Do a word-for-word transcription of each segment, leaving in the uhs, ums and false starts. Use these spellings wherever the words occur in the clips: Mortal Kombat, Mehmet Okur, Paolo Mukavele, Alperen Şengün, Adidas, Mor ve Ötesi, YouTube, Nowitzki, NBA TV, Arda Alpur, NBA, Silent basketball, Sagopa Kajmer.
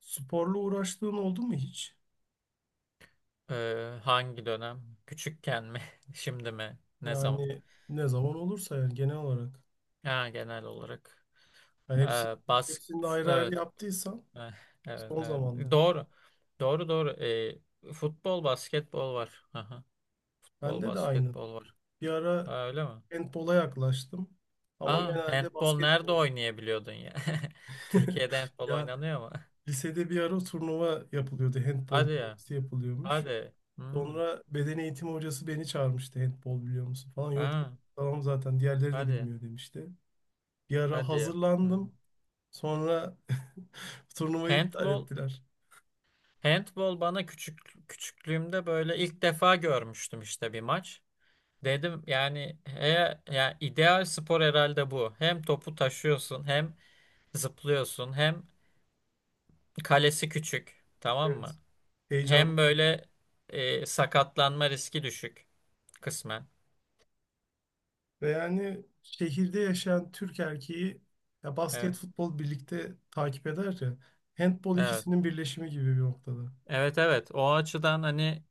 Sporla uğraştığın oldu mu hiç? Ee, hangi dönem? Küçükken mi? Şimdi mi? Ne zaman? Yani ne zaman olursa yani genel olarak. Ha, genel olarak. Yani Ee, hepsi, bas hepsini de ayrı ayrı Evet. yaptıysan Eh, Evet, son evet. zamanda. Doğru. Doğru doğru. Ee, futbol, basketbol var. Aha, futbol, Bende de aynı. basketbol var. Bir ara Ha, öyle mi? handbola yaklaştım. Ama Aa, genelde handbol nerede basketbol. oynayabiliyordun ya? Türkiye'de handbol Ya oynanıyor mu? lisede bir ara turnuva yapılıyordu. Handbol Hadi ya. turnuvası yapılıyormuş. Hadi. Hmm. Sonra beden eğitimi hocası beni çağırmıştı. Handbol biliyor musun falan. Yok dedim. Ha, Tamam zaten diğerleri de hadi. bilmiyor demişti. Bir ara Hadi ya. Hmm. hazırlandım. Sonra turnuvayı iptal Handbol ettiler. Handball bana küçük küçüklüğümde böyle ilk defa görmüştüm işte bir maç. Dedim yani he, ya ideal spor herhalde bu. Hem topu taşıyorsun, hem zıplıyorsun, hem kalesi küçük, tamam Evet. mı? Heyecanlı. Hem böyle e, sakatlanma riski düşük kısmen. Ve yani şehirde yaşayan Türk erkeği ya basket, Evet. futbol birlikte takip eder ya. Handbol Evet. ikisinin birleşimi gibi bir noktada. Evet evet. O açıdan hani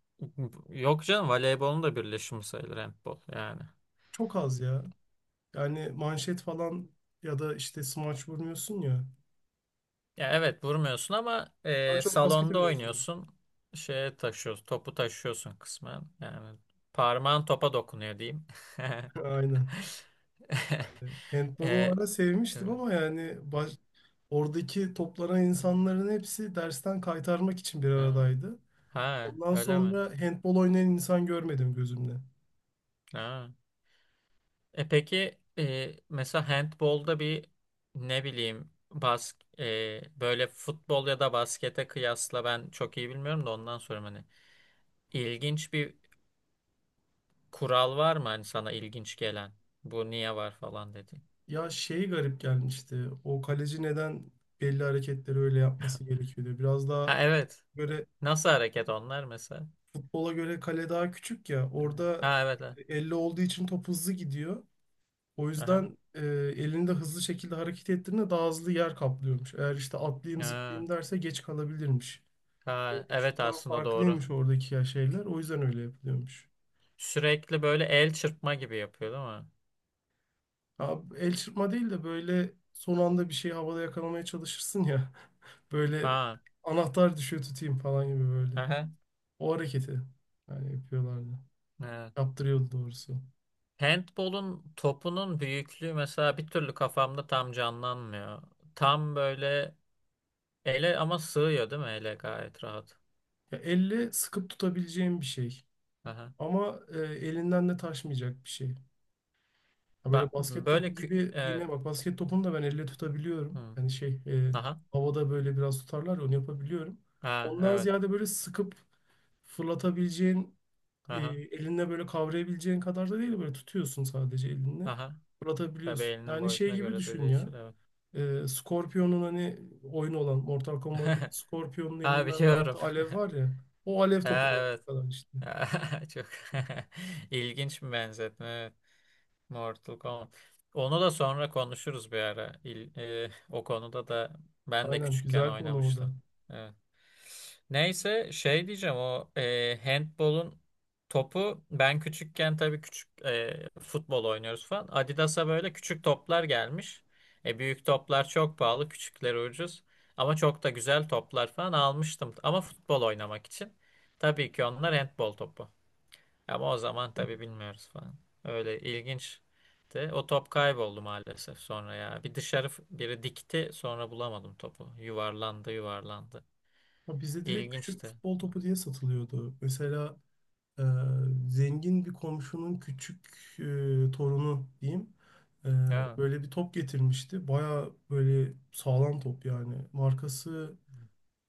yok canım voleybolun da birleşimi sayılır handball yani. Çok az ya. Yani manşet falan ya da işte smaç vurmuyorsun ya. Ya evet vurmuyorsun ama Daha e, çok salonda baskete benziyor. oynuyorsun. Şeye taşıyorsun, topu taşıyorsun kısmen. Yani parmağın topa dokunuyor diyeyim. Aynen. Handbolu o E, ara e, sevmiştim, ama yani baş- oradaki toplanan insanların hepsi dersten kaytarmak için bir ha, aradaydı. ha, Ondan öyle mi? sonra handbol oynayan insan görmedim gözümle. Ha. E peki e, mesela handbolda bir ne bileyim bas e, böyle futbol ya da baskete kıyasla ben çok iyi bilmiyorum da ondan sonra hani ilginç bir kural var mı hani sana ilginç gelen? Bu niye var falan dedi. Ya şey garip gelmişti. O kaleci neden belli hareketleri öyle yapması gerekiyordu. Biraz Ha daha evet. böyle Nasıl hareket onlar mesela? futbola göre kale daha küçük ya. Ha Orada ha, evet. Evet. elle olduğu için top hızlı gidiyor. O Aha. yüzden e, elini de hızlı şekilde hareket ettiğinde daha hızlı yer kaplıyormuş. Eğer işte atlayayım Ha, zıplayayım derse geç kalabilirmiş. E, ha, evet Şuttan aslında doğru. farklıymış oradaki ya şeyler. O yüzden öyle yapılıyormuş. Sürekli böyle el çırpma gibi yapıyor değil mi? Ya el çırpma değil de böyle son anda bir şey havada yakalamaya çalışırsın ya. Böyle Ha. anahtar düşüyor tutayım falan gibi böyle. Aha. O hareketi yani yapıyorlardı. Evet. Yaptırıyordu doğrusu. Handball'un topunun büyüklüğü mesela bir türlü kafamda tam canlanmıyor. Tam böyle ele ama sığıyor değil mi ele gayet rahat. Ya elle sıkıp tutabileceğim bir şey. Aha. Ama e, elinden de taşmayacak bir şey. Ha, böyle Bak basket böyle topu kü- gibi. evet. Yine bak, basket topunu da ben elle tutabiliyorum. Hı. Yani şey, e, Aha. havada böyle biraz tutarlar ya, onu yapabiliyorum. Ha, Ondan evet. ziyade böyle sıkıp fırlatabileceğin, e, Aha. elinle böyle kavrayabileceğin kadar da değil, böyle tutuyorsun sadece elinle Aha. Tabii fırlatabiliyorsun. elinin Yani şey boyutuna gibi göre de düşün ya. değişir evet. E, Scorpion'un hani oyun olan Mortal Kombat'taki Scorpion'un Ha elinden böyle biliyorum. attığı alev var ya. O alev topu Ha, evet. kadar işte. Çok ilginç bir benzetme. Evet. Mortal Kombat. Onu da sonra konuşuruz bir ara. İl- e, o konuda da ben de Aynen, küçükken güzel konu o da. oynamıştım. Evet. Neyse şey diyeceğim o e, handbolun topu ben küçükken tabii küçük e, futbol oynuyoruz falan. Adidas'a böyle küçük toplar gelmiş. E, büyük toplar çok pahalı, küçükleri ucuz. Ama çok da güzel toplar falan almıştım. Ama futbol oynamak için. Tabii ki onlar handbol topu. Ama o zaman tabii bilmiyoruz falan. Öyle ilginçti. O top kayboldu maalesef sonra ya. Bir dışarı f- biri dikti sonra bulamadım topu. Yuvarlandı yuvarlandı. Ya bizde direkt küçük İlginçti. futbol topu diye satılıyordu. Mesela e, zengin bir komşunun küçük, e, torunu diyeyim, e, Evet. böyle bir top getirmişti. Baya böyle sağlam top yani. Markası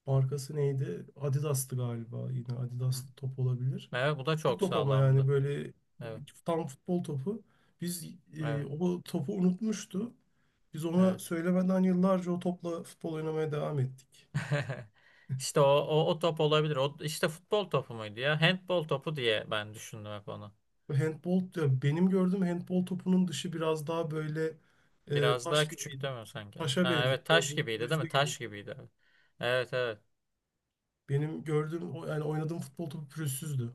markası neydi? Adidas'tı galiba. Yine Hı hı. Adidas'lı top olabilir. Evet bu da Küçük çok top ama yani sağlamdı. böyle e, Evet. tam futbol topu. Biz e, Evet. O topu unutmuştu. Biz ona Evet. söylemeden yıllarca o topla futbol oynamaya devam ettik. İşte o, o, o top olabilir. O, işte futbol topu muydu ya? Handbol topu diye ben düşündüm hep onu. Handball, ya, benim gördüğüm handball topunun dışı biraz daha böyle, e, Biraz taş daha gibi, küçük değil mi sanki? Evet. taşa Ha, benziyor, evet biraz taş böyle gibiydi değil mi? pürüzlü gibi. Taş gibiydi. Evet evet. Evet, Benim gördüğüm o- yani oynadığım futbol topu pürüzsüzdü.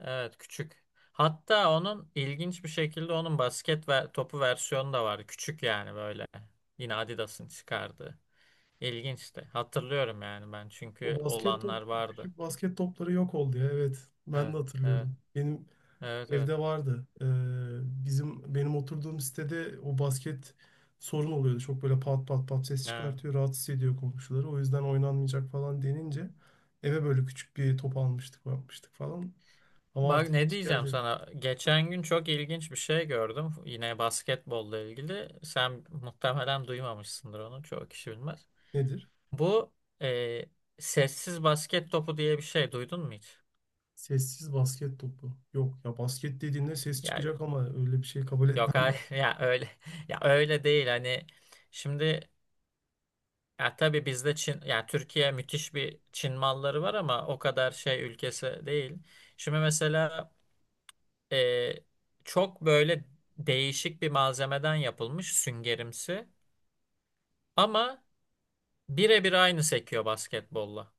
Evet, küçük. Hatta onun ilginç bir şekilde onun basket ve topu versiyonu da vardı. Küçük yani böyle. Yine Adidas'ın çıkardığı. İlginçti. Hatırlıyorum yani ben çünkü O basket top, olanlar vardı. küçük basket topları yok oldu ya, evet ben de Evet. Evet. hatırlıyorum. Benim Evet evet. evde vardı. Ee, bizim benim oturduğum sitede o basket sorun oluyordu. Çok böyle pat pat pat ses Ha. çıkartıyor, rahatsız ediyor komşuları. O yüzden oynanmayacak falan denince eve böyle küçük bir top almıştık, yapmıştık falan. Ama Bak artık ne hiçbir diyeceğim yerde yok. sana. Geçen gün çok ilginç bir şey gördüm. Yine basketbolla ilgili. Sen muhtemelen duymamışsındır onu. Çoğu kişi bilmez. Nedir? Bu e, Sessiz basket topu diye bir şey duydun mu hiç? Sessiz basket topu. Yok ya, basket dediğinde ses Ya çıkacak, ama öyle bir şey kabul yok etmem hayır ya öyle ya öyle değil hani şimdi ya tabii bizde Çin ya Türkiye müthiş bir Çin malları var ama o kadar şey ülkesi değil. Şimdi mesela e, çok böyle değişik bir malzemeden yapılmış süngerimsi. Ama birebir aynı sekiyor basketbolla.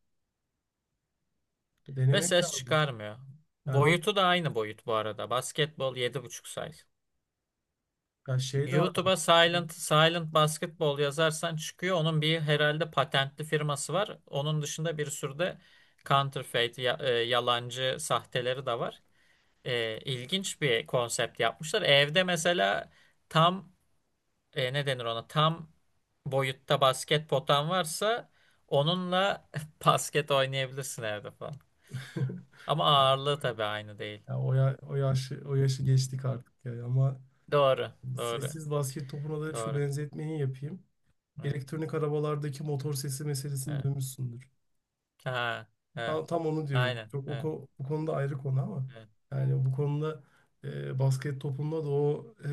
ben. Ve Denemek ses lazım. çıkarmıyor. Yani o, Boyutu da aynı boyut bu arada. Basketbol yedi buçuk size. ya şey de var ama YouTube'a Silent Silent basketball yazarsan çıkıyor. Onun bir herhalde patentli firması var. Onun dışında bir sürü de counterfeit, ya- e, yalancı sahteleri de var. E, ilginç bir konsept yapmışlar. Evde mesela tam e, ne denir ona tam boyutta basket potan varsa onunla basket oynayabilirsin evde falan. Ama artık ağırlığı tabii aynı değil. ya, o, ya, o yaşı o yaşı geçtik artık ya ama Doğru, doğru, sessiz basket topuna da şu doğru. benzetmeyi yapayım. Evet, Elektronik arabalardaki motor sesi meselesini evet. duymuşsundur. Ha, evet, Tam, tam onu diyorum. aynen, Çok o, evet, ko- bu konuda ayrı konu ama evet, yani bu konuda, e, basket topunda da o e,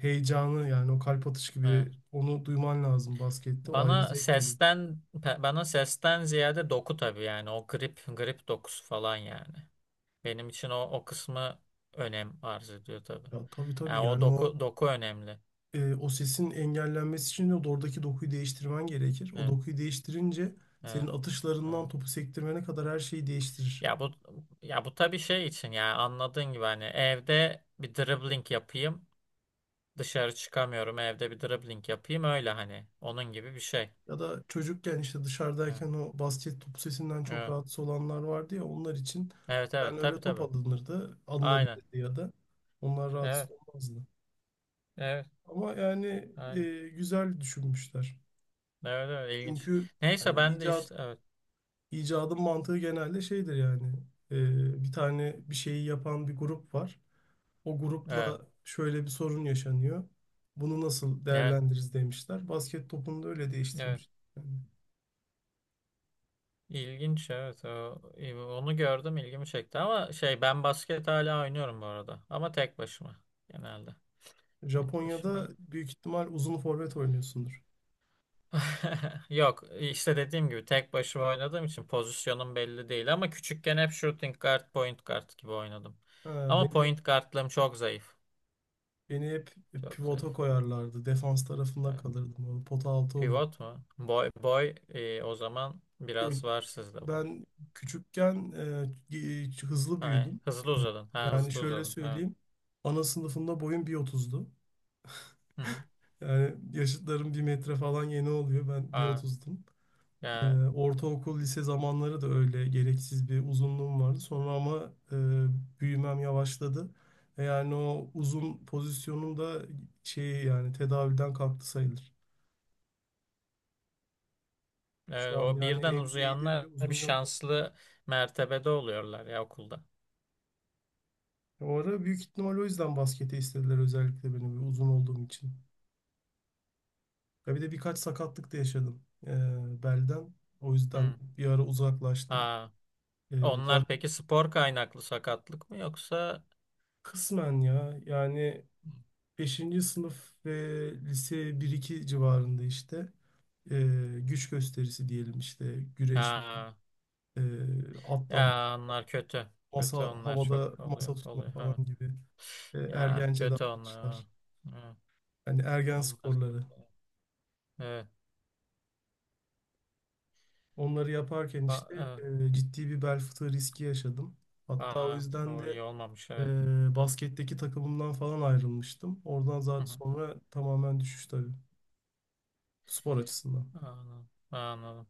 heyecanı, yani o kalp atış gibi evet. onu duyman lazım baskette. O ayrı Bana zevk veriyor. Sesten pe- bana sesten ziyade doku tabii yani o grip grip dokusu falan yani. Benim için o o kısmı önem arz ediyor tabii. Ya tabii Yani tabii, o yani o doku doku önemli. e, o sesin engellenmesi için de oradaki dokuyu değiştirmen gerekir. O Evet, dokuyu değiştirince senin evet, atışlarından evet. topu sektirmene kadar her şeyi değiştirir. Ya bu ya bu tabii şey için ya anladığın gibi hani evde bir dribbling yapayım. Dışarı çıkamıyorum evde bir dribbling yapayım öyle hani onun gibi bir şey. Ya da çocukken işte Evet. dışarıdayken o basket topu sesinden çok Evet rahatsız olanlar vardı ya, onlar için evet, evet yani öyle tabii top tabii. alınırdı, Aynen. alınabilirdi, ya da onlar rahatsız Evet. olmazdı. Evet. Ama yani Aynen. e, güzel düşünmüşler. Evet evet ilginç. Çünkü Neyse hani ben de icat işte evet. icadın mantığı genelde şeydir yani, e, bir tane bir şeyi yapan bir grup var. O Evet. grupla şöyle bir sorun yaşanıyor. Bunu nasıl Evet. değerlendiririz demişler. Basket topunu da öyle Evet. değiştirmiş. Yani. İlginç evet. O- Onu gördüm ilgimi çekti ama şey ben basket hala oynuyorum bu arada. Ama tek başıma genelde. Tek Japonya'da başıma. büyük ihtimal uzun forvet oynuyorsundur. Yok işte dediğim gibi tek başıma oynadığım için pozisyonum belli değil ama küçükken hep shooting guard, point guard gibi oynadım. Ha, Ama beni hep, point guardlığım çok zayıf. beni hep Çok pivota zayıf. koyarlardı. Defans tarafında Evet. kalırdım. O pota altı olur. Pivot mu? Boy boy e, o zaman Gö- biraz var sizde bu. Ben küçükken e, e, hızlı Ha, büyüdüm. hızlı uzadın. Ha Yani hızlı şöyle uzadın. Evet. söyleyeyim. Ana sınıfında boyum bir otuzdu. Hı hı. Yani yaşıtlarım bir metre falan yeni oluyor, ben bir Ha, otuzdum. Ee, ya, Ortaokul, lise zamanları da öyle gereksiz bir uzunluğum vardı. Sonra ama e, büyümem yavaşladı. E, Yani o uzun pozisyonum da şey, yani tedavülden kalktı sayılır. evet, Şu an o yani birden N B A'de bile uzayanlar bir uzun yok. şanslı mertebede oluyorlar ya okulda. O ara büyük ihtimal o yüzden baskete istediler özellikle beni, bir uzun olduğum için. Ya bir de birkaç sakatlık da yaşadım, e, belden. O yüzden Hı. bir ara uzaklaştım. Ha. E, Zaten Onlar peki spor kaynaklı sakatlık mı yoksa kısmen ya yani beşinci sınıf ve lise bir iki civarında işte, e, güç gösterisi diyelim, işte güreşme, Ha, e, atlama, ya onlar kötü. masa Kötü onlar havada çok masa oluyor. tutma Oluyor falan ha. gibi e, Ya ergence kötü onlar. Ha. davranışlar. Yani ergen Onlar çok. sporları. Evet. Onları yaparken Ba işte evet. e, ciddi bir bel fıtığı riski yaşadım. Hatta o Aa, yüzden o de iyi olmamış evet. e, basketteki takımımdan falan ayrılmıştım. Oradan Hı zaten hı. sonra tamamen düşüş tabii, spor açısından. Anladım. Anladım.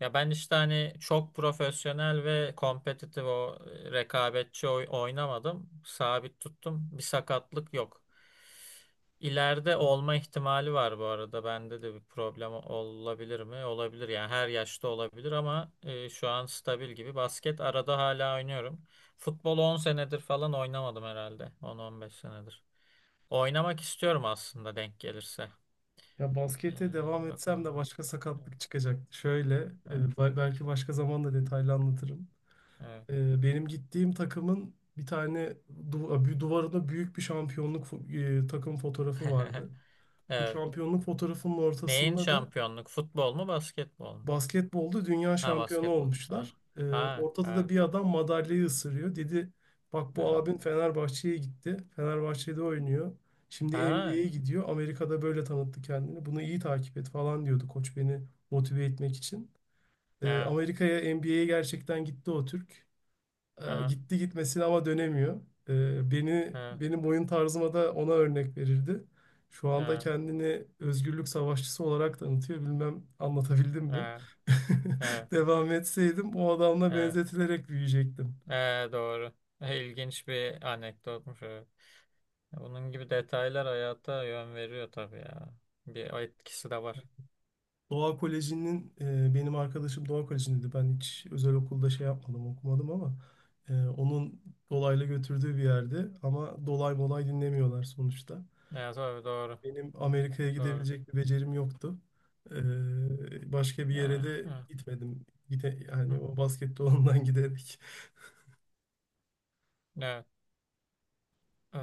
Ya ben işte hani çok profesyonel ve kompetitif o rekabetçi oy- oynamadım. Sabit tuttum. Bir sakatlık yok. İleride olma ihtimali var bu arada. Bende de bir problem olabilir mi? Olabilir. Yani her yaşta olabilir ama e, şu an stabil gibi. Basket arada hala oynuyorum. Futbol on senedir falan oynamadım herhalde. On on beş senedir. Oynamak istiyorum aslında denk gelirse. Ya baskete devam Ee, etsem de Bakalım. başka Evet. sakatlık çıkacak. Şöyle, e, ba- belki başka zaman da detaylı anlatırım. Evet. E, benim gittiğim takımın bir tane du bir duvarında büyük bir şampiyonluk, fo- e, takım fotoğrafı vardı. Bu Evet. şampiyonluk fotoğrafının Neyin ortasında da şampiyonluk? Futbol mu, basketbol mu? basketbolda dünya Ha, şampiyonu basketbol. Ha, olmuşlar. Ee, ha, Ortada da ha, bir adam madalyayı ısırıyor. Dedi, bak bu ha. abin Fenerbahçe'ye gitti, Fenerbahçe'de oynuyor, şimdi N B A'ye Ha. gidiyor. Amerika'da böyle tanıttı kendini. Bunu iyi takip et falan diyordu koç, beni motive etmek için. Ee, Ha. Amerika'ya, N B A'ye gerçekten gitti o Türk. E, Aha. Gitti gitmesine ama dönemiyor. E, beni Ha. benim oyun tarzıma da ona örnek verirdi. Şu anda Ha. kendini özgürlük savaşçısı olarak tanıtıyor. Bilmem anlatabildim mi? Evet, evet, Devam etseydim o adamla evet, benzetilerek büyüyecektim. evet, doğru. E, İlginç bir anekdotmuş. Evet. Bunun gibi detaylar hayata yön veriyor tabii ya. Bir etkisi de var. Doğa Koleji'nin, e, benim arkadaşım Doğa Koleji'ndeydi. Ben hiç özel okulda şey yapmadım, okumadım, ama e, onun dolaylı götürdüğü bir yerde. Ama dolay molay dinlemiyorlar sonuçta. Evet, tabii doğru, Benim Amerika'ya doğru. gidebilecek bir becerim yoktu. Ee, başka bir yere Evet, de evet. gitmedim. Gide, Hı Yani hı. o baskette olandan giderek. Evet. Ee,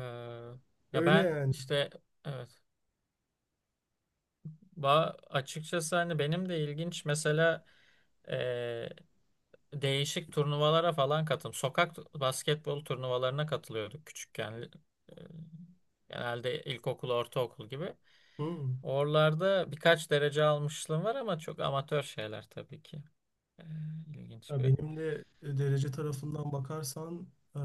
Ya Öyle ben yani. işte evet. Ba Açıkçası hani benim de ilginç mesela e, değişik turnuvalara falan katıldım. Sokak basketbol turnuvalarına katılıyorduk küçükken. E, Genelde ilkokul, ortaokul gibi. Hmm. Oralarda birkaç derece almışlığım var ama çok amatör şeyler tabii ki. Ee, ilginç Ya bir. benim de e, derece tarafından bakarsan, eee,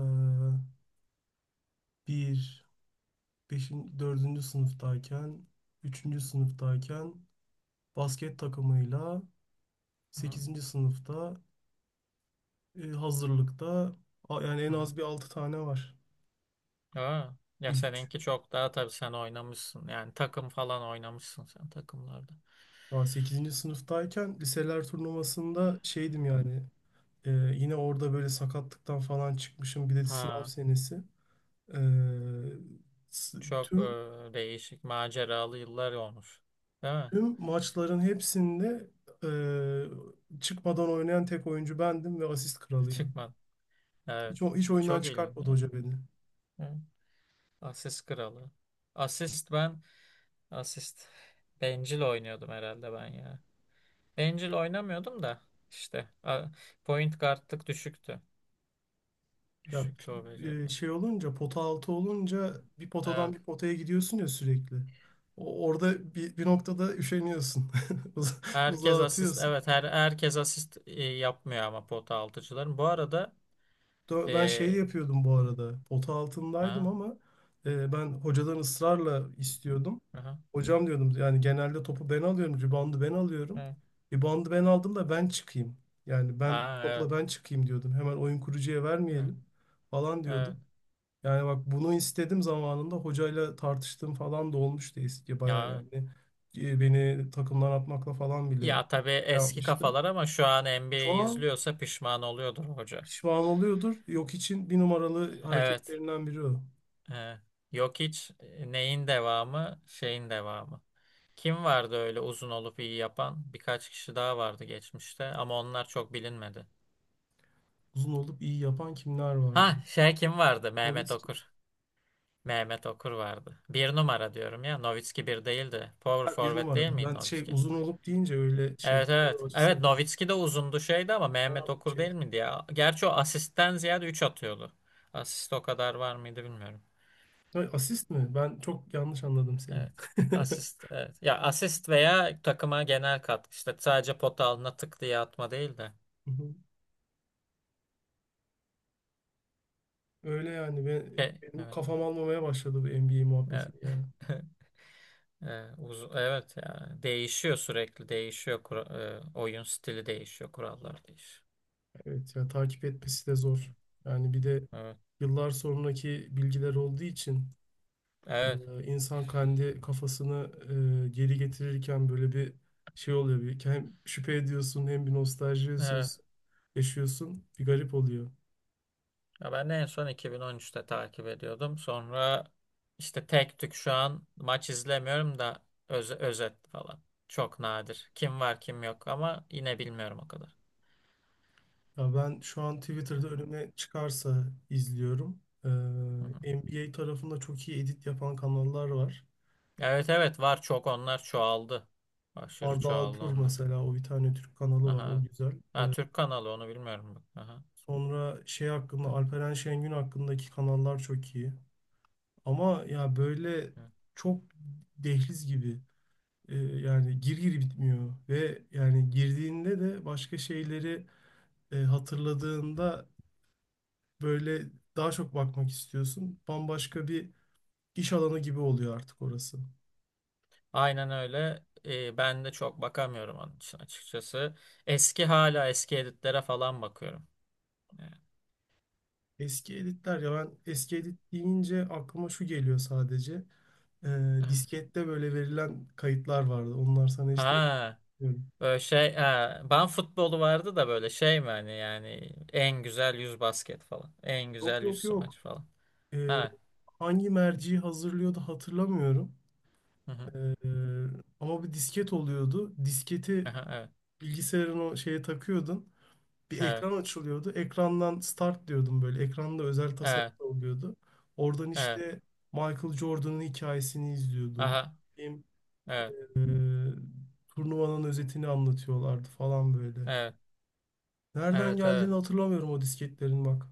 bir, beşin, dördüncü sınıftayken, üçüncü sınıftayken basket takımıyla, Hı sekizinci sınıfta, e, hazırlıkta, a- yani en hı. hı. az bir altı tane var. Aa, ya İlk üç. seninki çok daha tabii sen oynamışsın. Yani takım falan oynamışsın sen takımlarda. Daha sekizinci sınıftayken liseler turnuvasında şeydim yani, e, yine orada böyle sakatlıktan falan çıkmışım, bir de sınav Ha, senesi. E, s- Çok e, Tüm, değişik maceralı yıllar olmuş. Değil mi? tüm maçların hepsinde e, çıkmadan oynayan tek oyuncu bendim ve asist kralıydım. Çıkmadı. Evet. Hiç, o- hiç oyundan Çok ilginç. çıkartmadı Evet. hoca beni. Evet. Asist kralı. Asist ben asist bencil oynuyordum herhalde ben ya. Bencil oynamıyordum da işte a- point guardlık düşüktü. Ya Düşüktü o p- e, beceriler. şey olunca, pota altı olunca bir potadan Evet. bir potaya gidiyorsun ya sürekli. O- Orada bir, bir noktada üşeniyorsun. Uz- Herkes Uzağa asist atıyorsun. evet her herkes asist e, yapmıyor ama pota altıcıların. Bu arada Dö- e, Ben şey de e, yapıyordum bu arada. Pota altındaydım, ha, ama e, ben hocadan ısrarla istiyordum. aha, Hocam diyordum, yani genelde topu ben alıyorum, ribandı ben alıyorum, evet. ribandı ben aldım da ben çıkayım. Yani ben Ha, topla evet, ben çıkayım diyordum, hemen oyun kurucuya evet, vermeyelim falan diyordum. evet. Yani bak, bunu istedim zamanında, hocayla tartıştığım falan da olmuştu, eski bayağı Ya, yani. E, Beni takımdan atmakla falan bile ya tabii şey eski yapmıştı. kafalar ama şu an Şu N B A'yi an izliyorsa pişman oluyordur hoca. pişman oluyordur. Yok için bir numaralı Evet. hareketlerinden biri o. evet. Yok hiç e, neyin devamı, şeyin devamı. Kim vardı öyle uzun olup iyi yapan? Birkaç kişi daha vardı geçmişte ama onlar çok bilinmedi. Uzun olup iyi yapan kimler Ha vardı? şey kim vardı? Mehmet Nowitzki. Okur. Mehmet Okur vardı. Bir numara diyorum ya. Nowitzki bir değildi. Power Ha, bir forward değil numara. miydi Ben şey, Nowitzki? uzun olup deyince öyle şey, Evet evet. boy Evet açısından. Nowitzki de uzundu şeydi ama Ona Mehmet Okur şey. değil miydi ya? Gerçi o asistten ziyade üç atıyordu. Asist o kadar var mıydı bilmiyorum. Ha, asist mi? Ben çok yanlış anladım seni. Evet. Asist evet. Ya asist veya takıma genel katkı işte sadece pota altına tık diye atma değil de. Hı hı. Öyle yani, ben, Şey, benim evet. kafam almamaya başladı bu N B A Evet. muhabbeti ya. Ee, uz- evet ya değişiyor sürekli değişiyor Kura- e, oyun stili değişiyor kurallar değişiyor. Evet ya, takip etmesi de zor. Yani bir de Evet yıllar sonraki bilgiler olduğu için evet Ee, insan kendi kafasını e, geri getirirken böyle bir şey oluyor. Bir, hem şüphe ediyorsun hem bir nostalji yaşıyorsun. evet. yaşıyorsun. Bir garip oluyor. Ya ben de en son iki bin on üçte takip ediyordum. Sonra işte tek tük şu an maç izlemiyorum da öz- özet falan. Çok nadir. Kim var kim yok ama yine bilmiyorum o kadar. Ya ben şu an Hı Twitter'da önüme çıkarsa izliyorum. Ee, hı. N B A tarafında çok iyi edit yapan kanallar var. Evet evet var çok onlar çoğaldı. Aşırı Arda çoğaldı Alpur onlar. mesela, o bir tane Türk kanalı var, Aha. o evet. güzel. Ha, Ee, Türk kanalı onu bilmiyorum. Bak. Aha. Sonra şey hakkında, Evet. Alperen Şengün hakkındaki kanallar çok iyi. Ama ya böyle evet. çok dehliz gibi. E, yani gir gir bitmiyor, ve yani girdiğinde de başka şeyleri e, hatırladığında böyle daha çok bakmak istiyorsun. Bambaşka bir iş alanı gibi oluyor artık orası. Aynen öyle. Ee, ben de çok bakamıyorum onun için açıkçası. Eski hala eski editlere falan bakıyorum. Ee, Eski editler, ya ben eski edit deyince aklıma şu geliyor sadece. E, diskette böyle verilen kayıtlar vardı. Onlar sana hiç denk Ha, gelmiyorum. böyle şey, ha, ben futbolu vardı da böyle şey mi hani yani en güzel yüz basket falan. En Yok güzel yüz yok yok. smaç falan. E, Ha. Hangi merci hazırlıyordu hatırlamıyorum. Hı hı. E, Ama bir disket oluyordu. Disketi Aha, evet. bilgisayarın o şeye takıyordun. Bir Evet. ekran açılıyordu. Ekrandan start diyordum böyle. Ekranda özel tasarım Evet. da oluyordu. Oradan Evet. işte Michael Jordan'ın hikayesini izliyordun. Aha. Benim, Evet. E, turnuvanın özetini anlatıyorlardı falan böyle. Evet. Nereden Evet. Evet. geldiğini hatırlamıyorum o disketlerin bak.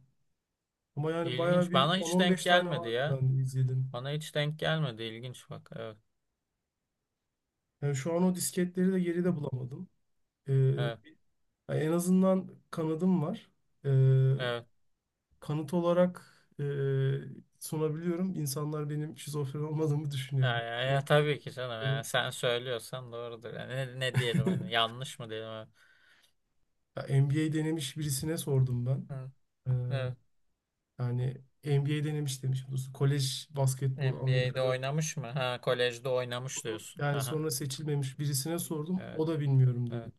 Ama yani bayağı İlginç. bir Bana hiç denk on on beş tane gelmedi vardı ya. ben de izledim. Bana hiç denk gelmedi. İlginç bak. Evet. Yani şu an o disketleri de geride bulamadım. E, Evet. Yani en azından kanadım var, E, Evet. kanıt olarak e, sunabiliyorum. İnsanlar benim şizofren olmadığımı düşünüyor. Ya, ya, ya M B A'lerin. tabii ki canım ya sen söylüyorsan doğrudur. Yani ne, ne diyelim hani yanlış mı diyelim? Ha? Ya M B A denemiş birisine sordum ben. Hı, Ee, evet. Yani M B A denemiş demiş. Bu kolej basketbolu N B A'de Amerika'da. oynamış mı? Ha kolejde oynamış diyorsun. Yani Aha. sonra seçilmemiş birisine sordum, Evet, o da bilmiyorum dedi. evet.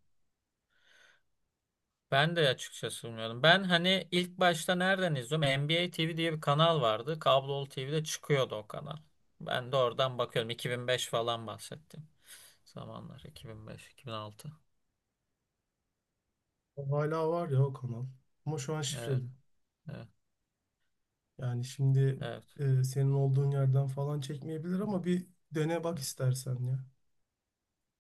Ben de açıkçası bilmiyordum. Ben hani ilk başta nereden izliyorum? N B A T V diye bir kanal vardı. Kablolu T V'de çıkıyordu o kanal. Ben de oradan bakıyorum. iki bin beş falan bahsettim. Zamanlar iki bin beş, iki bin altı. O hala var ya o kanal. Ama şu an şifreli. Evet, evet, Yani şimdi, evet. e, senin olduğun yerden falan çekmeyebilir ama bir dene bak istersen ya.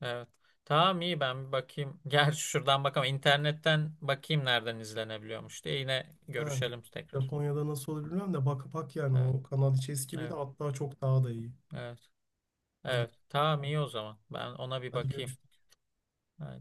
Evet. Tamam iyi ben bir bakayım. Gerçi şuradan bakamam. İnternetten bakayım nereden izlenebiliyormuş diye. Yine Ha, görüşelim tekrar. Japonya'da nasıl olur bilmiyorum da, bak bak yani, Evet. o kanal içi eski biri Evet. hatta çok daha da iyi. Evet. Hadi Evet. Tamam iyi o zaman. Ben ona bir hadi bakayım. görüşürüz.